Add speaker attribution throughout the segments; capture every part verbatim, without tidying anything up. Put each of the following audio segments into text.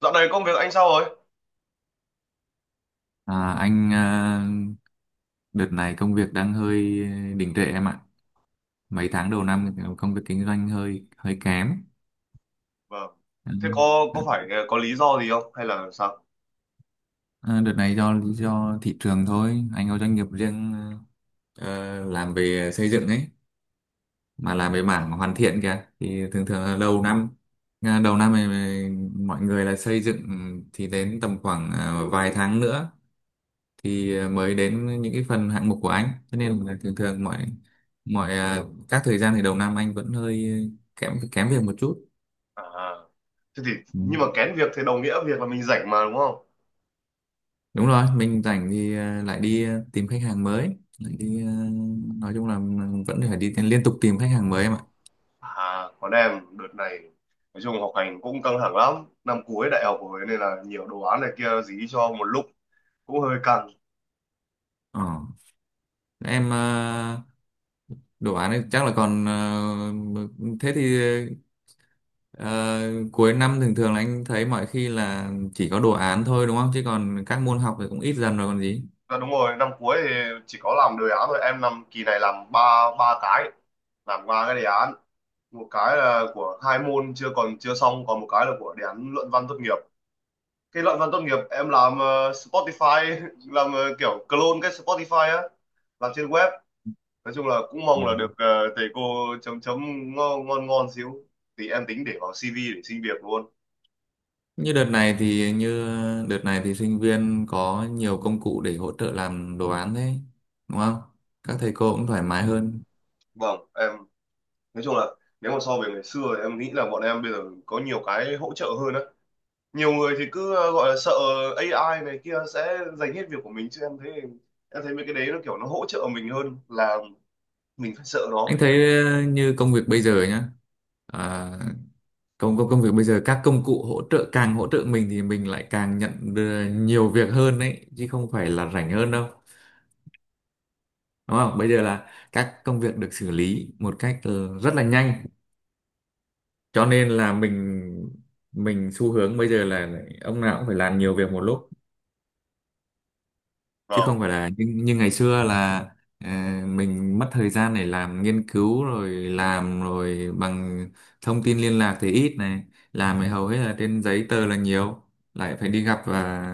Speaker 1: Dạo này công việc anh sao rồi?
Speaker 2: À, anh à, đợt này công việc đang hơi đình trệ em ạ. Mấy tháng đầu năm thì công việc kinh doanh hơi hơi kém.
Speaker 1: Vâng.
Speaker 2: Ừ.
Speaker 1: Thế có có phải có lý do gì không hay là sao?
Speaker 2: À, đợt này do lý do thị trường thôi. Anh có doanh nghiệp riêng, ờ, làm về xây dựng ấy, mà làm về mảng hoàn thiện kìa. Thì thường thường là đầu năm, à, đầu năm này mọi người là xây dựng, thì đến tầm khoảng à, vài tháng nữa thì ờ, mới đến những cái phần hạng mục của anh, cho nên là thường thường mọi mọi ờ, các thời gian thì đầu năm anh vẫn hơi ờ, kém kém việc một chút.
Speaker 1: À, thế thì
Speaker 2: Ừ.
Speaker 1: nhưng mà kén việc thì đồng nghĩa việc là mình rảnh mà đúng không?
Speaker 2: Đúng rồi, mình rảnh thì ờ, lại đi ờ, tìm khách hàng mới, lại đi, ờ, nói chung là vẫn phải đi liên tục tìm khách hàng mới em ạ.
Speaker 1: À, còn em đợt này nói chung học hành cũng căng thẳng lắm, năm cuối đại học rồi nên là nhiều đồ án này kia dí cho một lúc cũng hơi căng.
Speaker 2: Ờ. Em, ờ, đồ án ấy chắc là còn, ờ, thế thì, ờ, cuối năm thường thường là anh thấy mọi khi là chỉ có đồ án thôi đúng không, chứ còn các môn học thì cũng ít dần rồi còn gì.
Speaker 1: À, đúng rồi, năm cuối thì chỉ có làm đề án thôi, em năm kỳ này làm ba ba cái, làm ba cái đề án, một cái là của hai môn chưa còn chưa xong, còn một cái là của đề án luận văn tốt nghiệp. Cái luận văn tốt nghiệp em làm ờ, Spotify làm ờ, kiểu clone cái Spotify á, làm trên web. Nói chung là cũng
Speaker 2: Ừ.
Speaker 1: mong là được ờ, thầy cô chấm chấm ngon ngon ngon xíu, thì em tính để vào si vi để xin việc luôn.
Speaker 2: Như đợt này thì như đợt này thì sinh viên có nhiều công cụ để hỗ trợ làm đồ án đấy, đúng không? Các thầy cô cũng thoải mái hơn.
Speaker 1: Vâng, em nói chung là nếu mà so về ngày xưa thì em nghĩ là bọn em bây giờ có nhiều cái hỗ trợ hơn á. Nhiều người thì cứ ờ, gọi là sợ a i này kia sẽ giành hết việc của mình, chứ em thấy em thấy mấy cái đấy nó kiểu nó hỗ trợ mình hơn là mình phải sợ nó.
Speaker 2: Anh thấy ờ, như công việc bây giờ nhá. À, công công công việc bây giờ các công cụ hỗ trợ càng hỗ trợ mình thì mình lại càng nhận được nhiều việc hơn đấy, chứ không phải là rảnh hơn đâu. Đúng không? Bây giờ là các công việc được xử lý một cách ờ, rất là nhanh. Cho nên là mình mình xu hướng bây giờ là ông nào cũng phải làm nhiều việc một lúc, chứ
Speaker 1: Vâng.
Speaker 2: không phải là như, như ngày xưa là, ờ, mình mất thời gian để làm nghiên cứu rồi làm rồi bằng thông tin liên lạc thì ít này, làm thì hầu hết là trên giấy tờ là nhiều, lại phải đi gặp và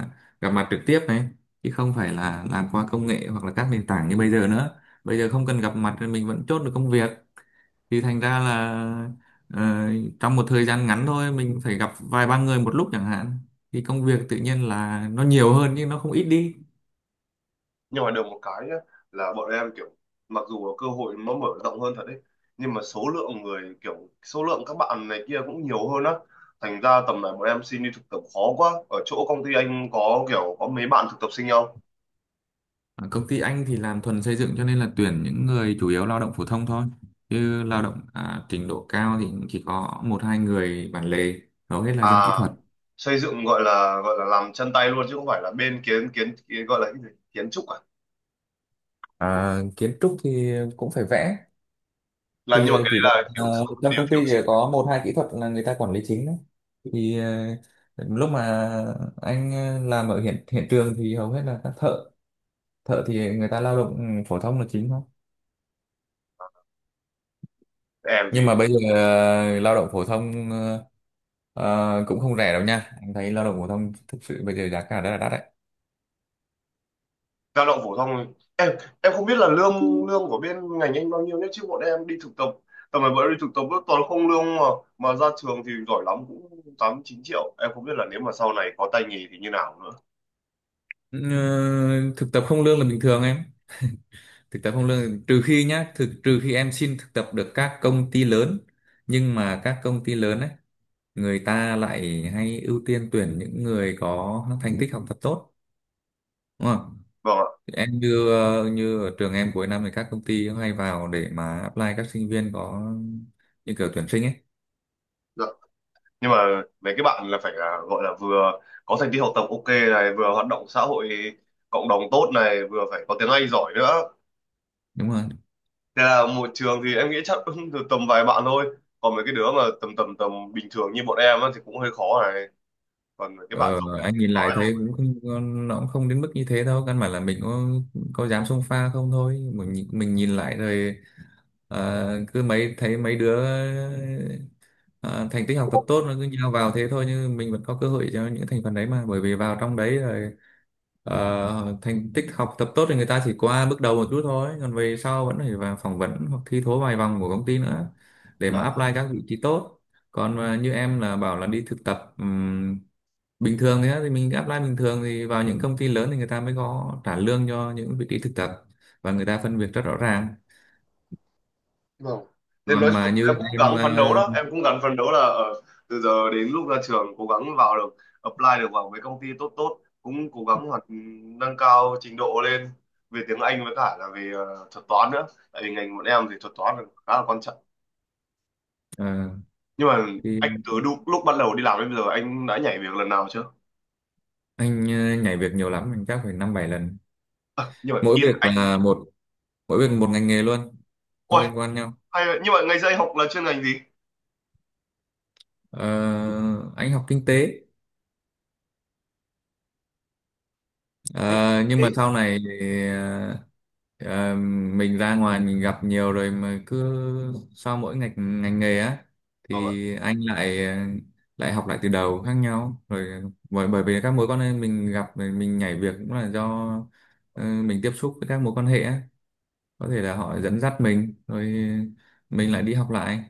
Speaker 2: gặp mặt trực tiếp này, chứ không phải là làm qua công nghệ hoặc là các nền tảng như bây giờ nữa. Bây giờ không cần gặp mặt thì mình vẫn chốt được công việc, thì thành ra là ờ, trong một thời gian ngắn thôi mình phải gặp vài ba người một lúc chẳng hạn, thì công việc tự nhiên là nó nhiều hơn nhưng nó không ít đi.
Speaker 1: Nhưng mà được một cái nhá, là bọn em kiểu mặc dù là cơ hội nó mở rộng hơn thật đấy, nhưng mà số lượng người kiểu số lượng các bạn này kia cũng nhiều hơn á, thành ra tầm này bọn em xin đi thực tập khó quá. Ở chỗ công ty anh có kiểu có mấy bạn thực tập sinh không?
Speaker 2: Ở công ty anh thì làm thuần xây dựng, cho nên là tuyển những người chủ yếu lao động phổ thông thôi. Chứ lao động, à, trình độ cao thì chỉ có một hai người bản lề, hầu hết là
Speaker 1: À,
Speaker 2: dân kỹ thuật.
Speaker 1: xây dựng gọi là gọi là làm chân tay luôn chứ không phải là bên kiến kiến, kiến gọi là cái gì? Kiến trúc à?
Speaker 2: À, kiến trúc thì cũng phải vẽ.
Speaker 1: Làm
Speaker 2: Thì
Speaker 1: nhưng mà
Speaker 2: ờ,
Speaker 1: cái
Speaker 2: chỉ cần,
Speaker 1: đấy là kiểu
Speaker 2: ờ,
Speaker 1: số-
Speaker 2: trong
Speaker 1: điều
Speaker 2: công
Speaker 1: thiểu
Speaker 2: ty chỉ
Speaker 1: số.
Speaker 2: có một hai kỹ thuật là người ta quản lý chính đấy. Thì ờ, lúc mà anh ờ, làm ở hiện hiện trường thì hầu hết là các thợ, thợ thì người ta lao động ừ, phổ thông là chính thôi.
Speaker 1: Em
Speaker 2: Nhưng mà
Speaker 1: gì
Speaker 2: bây giờ ờ, lao động phổ thông ờ, ờ, cũng không rẻ đâu nha, anh thấy lao động phổ thông thực sự bây giờ giá cả rất là đắt đấy.
Speaker 1: lao động phổ thông thôi. em em không biết là lương lương của bên ngành anh bao nhiêu nhé, chứ bọn em đi thực tập, tầm này bọn em đi thực tập vẫn toàn không lương mà mà ra trường thì giỏi lắm cũng tám chín triệu. Em không biết là nếu mà sau này có tay nghề thì như nào nữa.
Speaker 2: Ừ, thực tập không lương là bình thường em, thực tập không lương trừ khi nhá, thực trừ khi em xin thực tập được các công ty lớn. Nhưng mà các công ty lớn ấy người ta lại hay ưu tiên tuyển những người có thành tích học tập tốt, đúng không?
Speaker 1: Vâng ạ.
Speaker 2: Em, như ờ, như ở trường em cuối năm thì các công ty hay vào để mà apply các sinh viên, có như kiểu tuyển sinh ấy.
Speaker 1: Dạ. Nhưng mà mấy cái bạn là phải là gọi là vừa có thành tích học tập ok này, vừa hoạt động xã hội cộng đồng tốt này, vừa phải có tiếng Anh giỏi nữa.
Speaker 2: Đúng rồi.
Speaker 1: Thế là một trường thì em nghĩ chắc cũng được tầm vài bạn thôi, còn mấy cái đứa mà tầm tầm tầm bình thường như bọn em á thì cũng hơi khó này. Còn mấy cái bạn
Speaker 2: Ờ,
Speaker 1: giỏi.
Speaker 2: anh nhìn lại thấy cũng không, nó cũng không đến mức như thế đâu. Căn bản là mình có có dám xông pha không thôi. Mình nhìn- mình nhìn lại rồi, ờ, cứ mấy thấy mấy đứa ờ, thành tích học tập tốt nó cứ nhào vào thế thôi, nhưng mình vẫn có cơ hội cho những thành phần đấy mà, bởi vì vào trong đấy rồi ờ, thành tích học tập tốt thì người ta chỉ qua bước đầu một chút thôi, còn về sau vẫn phải vào phỏng vấn hoặc thi thố vài vòng của công ty nữa để mà
Speaker 1: Dạ,
Speaker 2: apply các vị trí tốt. Còn ờ, như em là bảo là đi thực tập ừm, bình thường, thế thì mình apply bình thường, thì vào những công ty lớn thì người ta mới có trả lương cho những vị trí thực tập, và người ta phân việc rất rõ ràng.
Speaker 1: vâng. Thế nói
Speaker 2: Còn mà
Speaker 1: chung
Speaker 2: như
Speaker 1: là em cũng
Speaker 2: em,
Speaker 1: gắng phấn đấu
Speaker 2: ờ,
Speaker 1: đó, em cũng gắng phấn đấu là ờ, từ giờ đến lúc ra trường cố gắng vào được, apply được vào mấy công ty tốt tốt, cũng cố gắng hoạt nâng cao trình độ lên về tiếng Anh với cả là về ờ, thuật toán nữa. Tại vì ngành bọn em thì thuật toán là khá là quan trọng.
Speaker 2: ờ,
Speaker 1: Nhưng mà
Speaker 2: thì
Speaker 1: anh từ lúc, lúc bắt đầu đi làm đến bây giờ anh đã nhảy việc lần nào chưa?
Speaker 2: anh ờ, nhảy việc nhiều lắm, anh chắc phải năm bảy lần,
Speaker 1: Ờ, nhưng mà
Speaker 2: mỗi
Speaker 1: ý là
Speaker 2: việc
Speaker 1: anh,
Speaker 2: là một mỗi việc một ngành nghề luôn, không
Speaker 1: ôi,
Speaker 2: liên quan nhau.
Speaker 1: hay, vậy. Nhưng mà ngày xưa anh học là chuyên ngành gì?
Speaker 2: Ờ, anh học kinh tế.
Speaker 1: Anh
Speaker 2: Ờ, nhưng mà
Speaker 1: ấy,
Speaker 2: sau này thì, ờ, ờ, mình ra ngoài mình gặp nhiều rồi mà, cứ sau mỗi ngành ngành nghề á
Speaker 1: vâng ạ.
Speaker 2: thì anh lại lại học lại từ đầu khác nhau rồi, bởi bởi vì các mối quan hệ mình gặp rồi mình nhảy việc cũng là do ờ, mình tiếp xúc với các mối quan hệ á, có thể là họ dẫn dắt mình rồi mình lại đi học lại,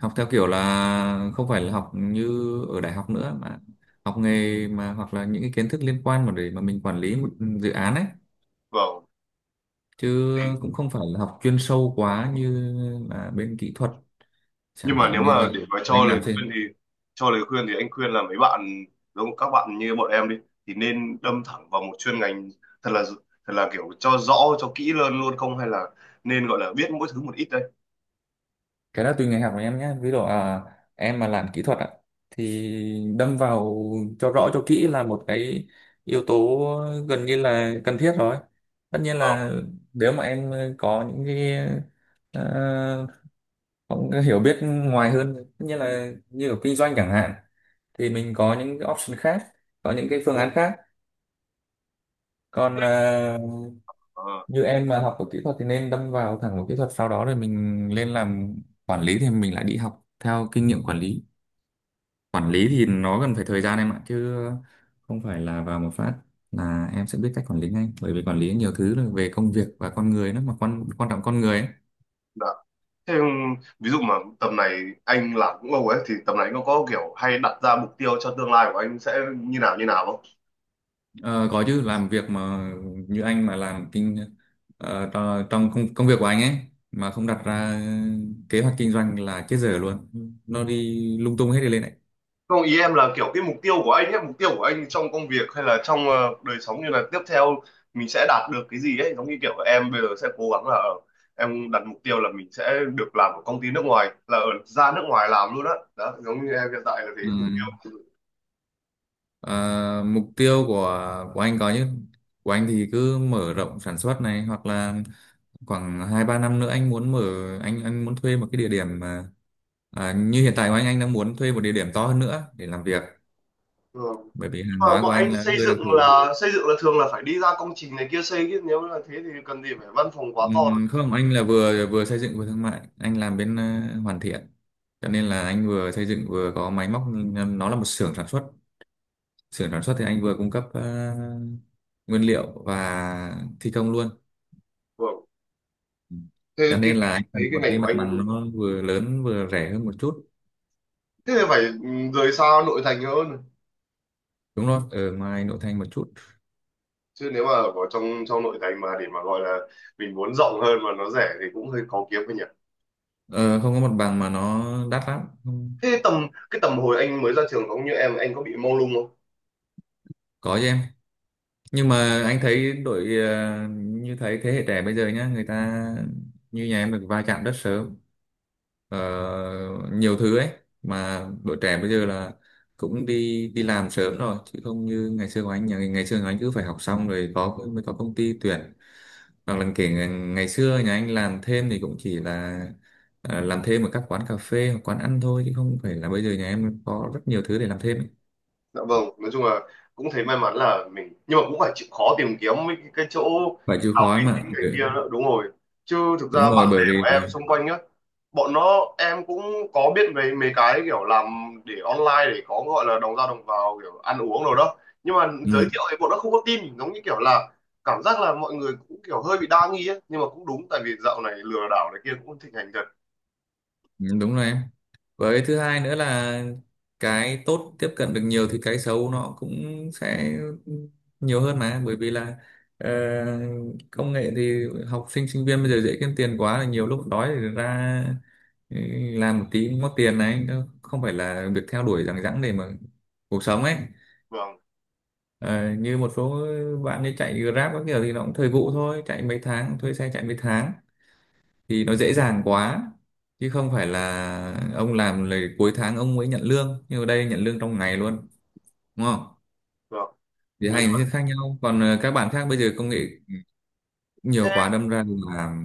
Speaker 2: học theo kiểu là không phải là học như ở đại học nữa, mà học nghề mà, hoặc là những cái kiến thức liên quan mà để mà mình quản lý một dự án ấy,
Speaker 1: Vâng.
Speaker 2: chứ cũng không phải là học chuyên sâu quá như là bên kỹ thuật, chẳng
Speaker 1: Nhưng mà nếu
Speaker 2: hạn như là
Speaker 1: mà để mà
Speaker 2: anh
Speaker 1: cho lời
Speaker 2: làm trên.
Speaker 1: khuyên thì cho lời khuyên thì anh khuyên là mấy bạn giống các bạn như bọn em đi thì nên đâm thẳng vào một chuyên ngành thật là thật là kiểu cho rõ cho kỹ hơn luôn, không hay là nên gọi là biết mỗi thứ một ít đây?
Speaker 2: Cái đó tùy ngành học của em nhé, ví dụ à, em mà làm kỹ thuật ạ thì đâm vào cho rõ cho kỹ là một cái yếu tố gần như là cần thiết rồi. Tất nhiên
Speaker 1: Vâng.
Speaker 2: là nếu mà em có những cái, ờ, cũng có hiểu biết ngoài hơn, tất nhiên là như ở kinh doanh chẳng hạn, thì mình có những cái option khác, có những cái phương án khác. Còn à,
Speaker 1: ờ,
Speaker 2: như em mà học ở kỹ thuật thì nên đâm vào, thẳng vào kỹ thuật, sau đó rồi mình lên làm quản lý thì mình lại đi học theo kinh nghiệm quản lý. Quản lý thì nó cần phải thời gian em ạ, chứ không phải là vào một phát là em sẽ biết cách quản lý ngay, bởi vì quản lý nhiều thứ là về công việc và con người nữa, mà quan quan trọng con người ấy.
Speaker 1: dạ. Thế ví dụ mà tầm này anh làm cũng lâu ấy, thì tầm này anh có có kiểu hay đặt ra mục tiêu cho tương lai của anh sẽ như nào như nào không?
Speaker 2: Ờ, có chứ, làm việc mà. Như anh mà làm kinh ờ, tro- trong công, công việc của anh ấy, mà không đặt ra kế hoạch kinh doanh là chết dở luôn, nó đi lung tung hết đi lên này.
Speaker 1: Không, ý em là kiểu cái mục tiêu của anh ấy, mục tiêu của anh trong công việc hay là trong ờ, đời sống, như là tiếp theo mình sẽ đạt được cái gì ấy, giống như kiểu em bây giờ sẽ cố gắng là ờ, em đặt mục tiêu là mình sẽ được làm ở công ty nước ngoài, là ở ra nước ngoài làm luôn á. Đó, giống như em hiện tại là thế
Speaker 2: Ừ.
Speaker 1: mục tiêu.
Speaker 2: Ờ, mục tiêu của của anh có chứ, của anh thì cứ mở rộng sản xuất này, hoặc là khoảng hai ba năm nữa anh muốn mở anh anh muốn thuê một cái địa điểm mà, à, như hiện tại của anh anh đang muốn thuê một địa điểm to hơn nữa để làm việc,
Speaker 1: Ừ.
Speaker 2: bởi vì hàng
Speaker 1: Mà
Speaker 2: hóa
Speaker 1: bọn
Speaker 2: của anh
Speaker 1: anh
Speaker 2: là
Speaker 1: xây
Speaker 2: hơi đặc
Speaker 1: dựng
Speaker 2: thù.
Speaker 1: là xây dựng là thường là phải đi ra công trình này kia xây, chứ nếu là thế thì cần gì phải văn phòng quá to đâu.
Speaker 2: Ừm, Không, anh là vừa vừa xây dựng vừa thương mại, anh làm bên ờ, hoàn thiện. Cho nên là anh vừa xây dựng vừa có máy móc, nhưng nó là một xưởng sản xuất. Xưởng sản xuất thì anh vừa cung cấp ờ, nguyên liệu và thi công luôn.
Speaker 1: Vâng.
Speaker 2: Ừ.
Speaker 1: Thế
Speaker 2: Cho
Speaker 1: cái
Speaker 2: nên là
Speaker 1: cái-
Speaker 2: anh
Speaker 1: thế
Speaker 2: cần
Speaker 1: cái
Speaker 2: một cái
Speaker 1: ngành của
Speaker 2: mặt
Speaker 1: anh
Speaker 2: bằng nó vừa lớn vừa rẻ hơn một chút.
Speaker 1: thế thì
Speaker 2: À,
Speaker 1: phải ừ, rời xa nội thành hơn.
Speaker 2: đúng rồi, ở ngoài nội thành một chút.
Speaker 1: Chứ nếu mà ở trong trong nội thành mà để mà gọi là mình muốn rộng hơn mà nó rẻ thì cũng hơi khó kiếm thôi nhỉ.
Speaker 2: Ờ, không có mặt bằng mà nó đắt lắm. Không,
Speaker 1: Thế tầm cái tầm hồi anh mới ra trường giống như em anh có bị mông lung không?
Speaker 2: có chứ em. Nhưng mà anh thấy đội, ờ, như thấy thế hệ trẻ bây giờ nhá, người ta như nhà em được va chạm rất sớm, ờ, nhiều thứ ấy, mà đội trẻ bây giờ là cũng đi đi làm sớm rồi, chứ không như ngày xưa của anh. Nhà ngày xưa của anh cứ phải học xong rồi có mới có công ty tuyển, hoặc là kể ngày, ngày xưa nhà anh làm thêm thì cũng chỉ là ờ, làm thêm ở các quán cà phê hoặc quán ăn thôi, chứ không phải là bây giờ nhà em có rất nhiều thứ để làm thêm ấy.
Speaker 1: Dạ vâng, nói chung là cũng thấy may mắn là mình, nhưng mà cũng phải chịu khó tìm kiếm mấy cái, cái chỗ
Speaker 2: Phải chịu
Speaker 1: học
Speaker 2: khó ấy
Speaker 1: uy
Speaker 2: mà.
Speaker 1: tín này
Speaker 2: Ừ,
Speaker 1: kia nữa, đúng rồi. Chứ thực ra
Speaker 2: đúng rồi,
Speaker 1: bạn bè
Speaker 2: bởi vì,
Speaker 1: của em xung quanh á, bọn nó em cũng có biết về mấy cái kiểu làm để online để có gọi là đồng ra đồng vào kiểu ăn uống rồi đó, nhưng mà giới
Speaker 2: ừ,
Speaker 1: thiệu thì bọn nó không có tin, giống như kiểu là cảm giác là mọi người cũng kiểu hơi bị đa nghi ấy. Nhưng mà cũng đúng, tại vì dạo này lừa đảo này kia cũng thịnh hành thật.
Speaker 2: đúng rồi em, với thứ hai nữa là cái tốt tiếp cận được nhiều thì cái xấu nó cũng sẽ nhiều hơn mà, bởi vì là ờ, công nghệ thì học sinh sinh viên bây giờ dễ kiếm tiền quá, là nhiều lúc đói thì ra, ừ, làm một tí cũng có tiền này, nó không phải là việc theo đuổi rằng rẵng để mà cuộc sống ấy.
Speaker 1: Vâng.
Speaker 2: Ờ, như một số bạn như chạy Grab các kiểu thì nó cũng thời vụ thôi, chạy mấy tháng thuê xe chạy mấy tháng thì nó dễ dàng quá, chứ không phải là ông làm là cuối tháng ông mới nhận lương, nhưng ở đây nhận lương trong ngày luôn, đúng không?
Speaker 1: Vâng.
Speaker 2: Thì
Speaker 1: Thì nói
Speaker 2: hai
Speaker 1: chung
Speaker 2: hình thức
Speaker 1: là
Speaker 2: khác nhau. Còn ờ, các bạn khác bây giờ công nghệ
Speaker 1: thế
Speaker 2: nhiều quá đâm ra là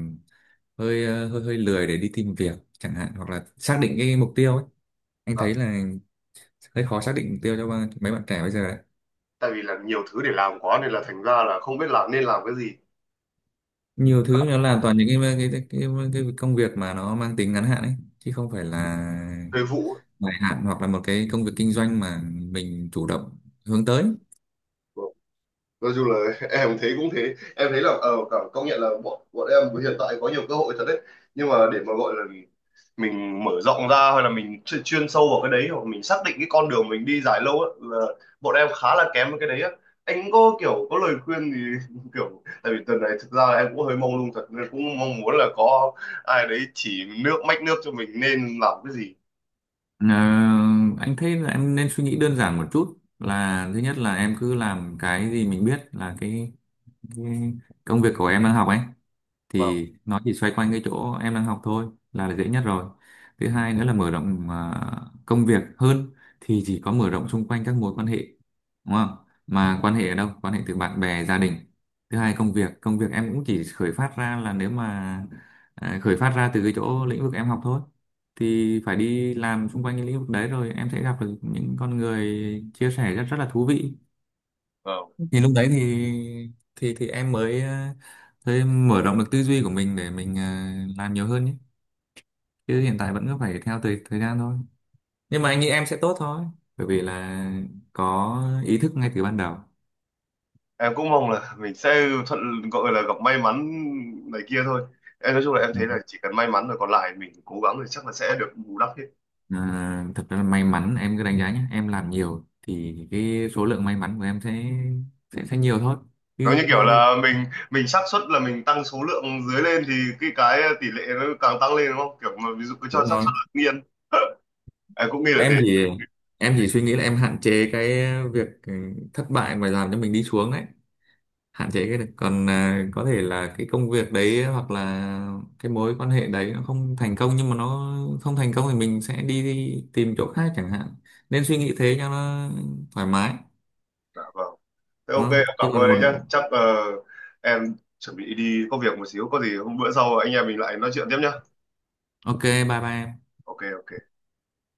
Speaker 2: hơi, ờ, hơi hơi lười để đi tìm việc chẳng hạn, hoặc là xác định cái mục tiêu ấy. Anh
Speaker 1: là
Speaker 2: thấy là hơi khó xác định mục tiêu cho ba- mấy bạn trẻ bây giờ đấy.
Speaker 1: tại vì là nhiều thứ để làm quá nên là thành ra là không biết là nên làm cái gì.
Speaker 2: Nhiều thứ nó làm toàn những cái cái, cái cái cái công việc mà nó mang tính ngắn hạn ấy, chứ không phải là
Speaker 1: Thời vụ ấy.
Speaker 2: dài hạn, hoặc là một cái công việc kinh doanh mà mình chủ động hướng tới.
Speaker 1: Vâng. Nói chung là em thấy cũng thế, em thấy là ờ cảm- công nhận là bọn bọn em hiện tại có nhiều cơ hội thật đấy, nhưng mà để mà gọi là mình mở rộng ra hay là mình chuyên, chuyên sâu vào cái đấy, hoặc mình xác định cái con đường mình đi dài lâu á, là bọn em khá là kém với cái đấy á. Anh có kiểu có lời khuyên thì kiểu tại vì tuần này thực ra là em cũng hơi mông lung thật, nên cũng mong muốn là có ai đấy chỉ nước mách nước cho mình nên làm cái gì.
Speaker 2: Ờ, anh thấy là em nên suy nghĩ đơn giản một chút, là thứ nhất là em cứ làm cái gì mình biết, là cái, cái công việc của em đang học ấy,
Speaker 1: Vâng.
Speaker 2: thì nó chỉ xoay quanh cái chỗ em đang học thôi, là dễ nhất rồi. Thứ hai nữa là mở rộng à, công việc hơn thì chỉ có mở rộng xung quanh các mối quan hệ, đúng không? Mà quan hệ ở đâu? Quan hệ từ bạn bè gia đình. Thứ hai, công việc công việc em cũng chỉ khởi phát ra là, nếu mà, à, khởi phát ra từ cái chỗ lĩnh vực em học thôi, thì phải đi làm xung quanh cái lĩnh vực đấy rồi em sẽ gặp được những con người chia sẻ rất rất là thú vị.
Speaker 1: Vâng.
Speaker 2: Thì lúc đấy thì thì thì em mới, ờ, mới mở rộng được tư duy của mình để mình ờ, làm nhiều hơn nhé, chứ hiện tại vẫn cứ phải theo thời thời gian thôi. Nhưng mà anh nghĩ em sẽ tốt thôi, bởi vì là có ý thức ngay từ ban đầu.
Speaker 1: Em cũng mong là mình sẽ thuận gọi là gặp may mắn này kia thôi. Em nói chung là em
Speaker 2: Ừ.
Speaker 1: thấy là chỉ cần may mắn rồi còn lại mình cố gắng thì chắc là sẽ được bù đắp hết.
Speaker 2: à, thật ra là may mắn em cứ đánh giá nhé, em làm nhiều thì cái số lượng may mắn của em sẽ sẽ, sẽ nhiều thôi,
Speaker 1: Giống như
Speaker 2: chứ
Speaker 1: kiểu
Speaker 2: chứ-
Speaker 1: là mình mình xác suất là mình tăng số lượng dưới lên thì cái cái tỷ lệ nó càng tăng lên đúng không, kiểu mà ví dụ cứ cho
Speaker 2: đúng
Speaker 1: xác
Speaker 2: rồi,
Speaker 1: suất là tự nhiên. Em cũng nghĩ là thế.
Speaker 2: em thì em chỉ suy nghĩ là em hạn chế cái việc, ừ, thất bại mà làm cho mình đi xuống đấy, hạn chế cái được, còn à, có thể là cái công việc đấy hoặc là cái mối quan hệ đấy nó không thành công, nhưng mà nó không thành công thì mình sẽ đi tìm chỗ khác chẳng hạn, nên suy nghĩ thế cho nó thoải mái.
Speaker 1: Dạ vâng, thế
Speaker 2: Đúng
Speaker 1: ok em
Speaker 2: không?
Speaker 1: cảm
Speaker 2: Chứ còn
Speaker 1: ơn
Speaker 2: một
Speaker 1: anh nhé, chắc ờ, em chuẩn bị đi có việc một xíu, có gì hôm bữa sau anh em mình lại nói chuyện tiếp nhá.
Speaker 2: OK, bye bye.
Speaker 1: Ok ok.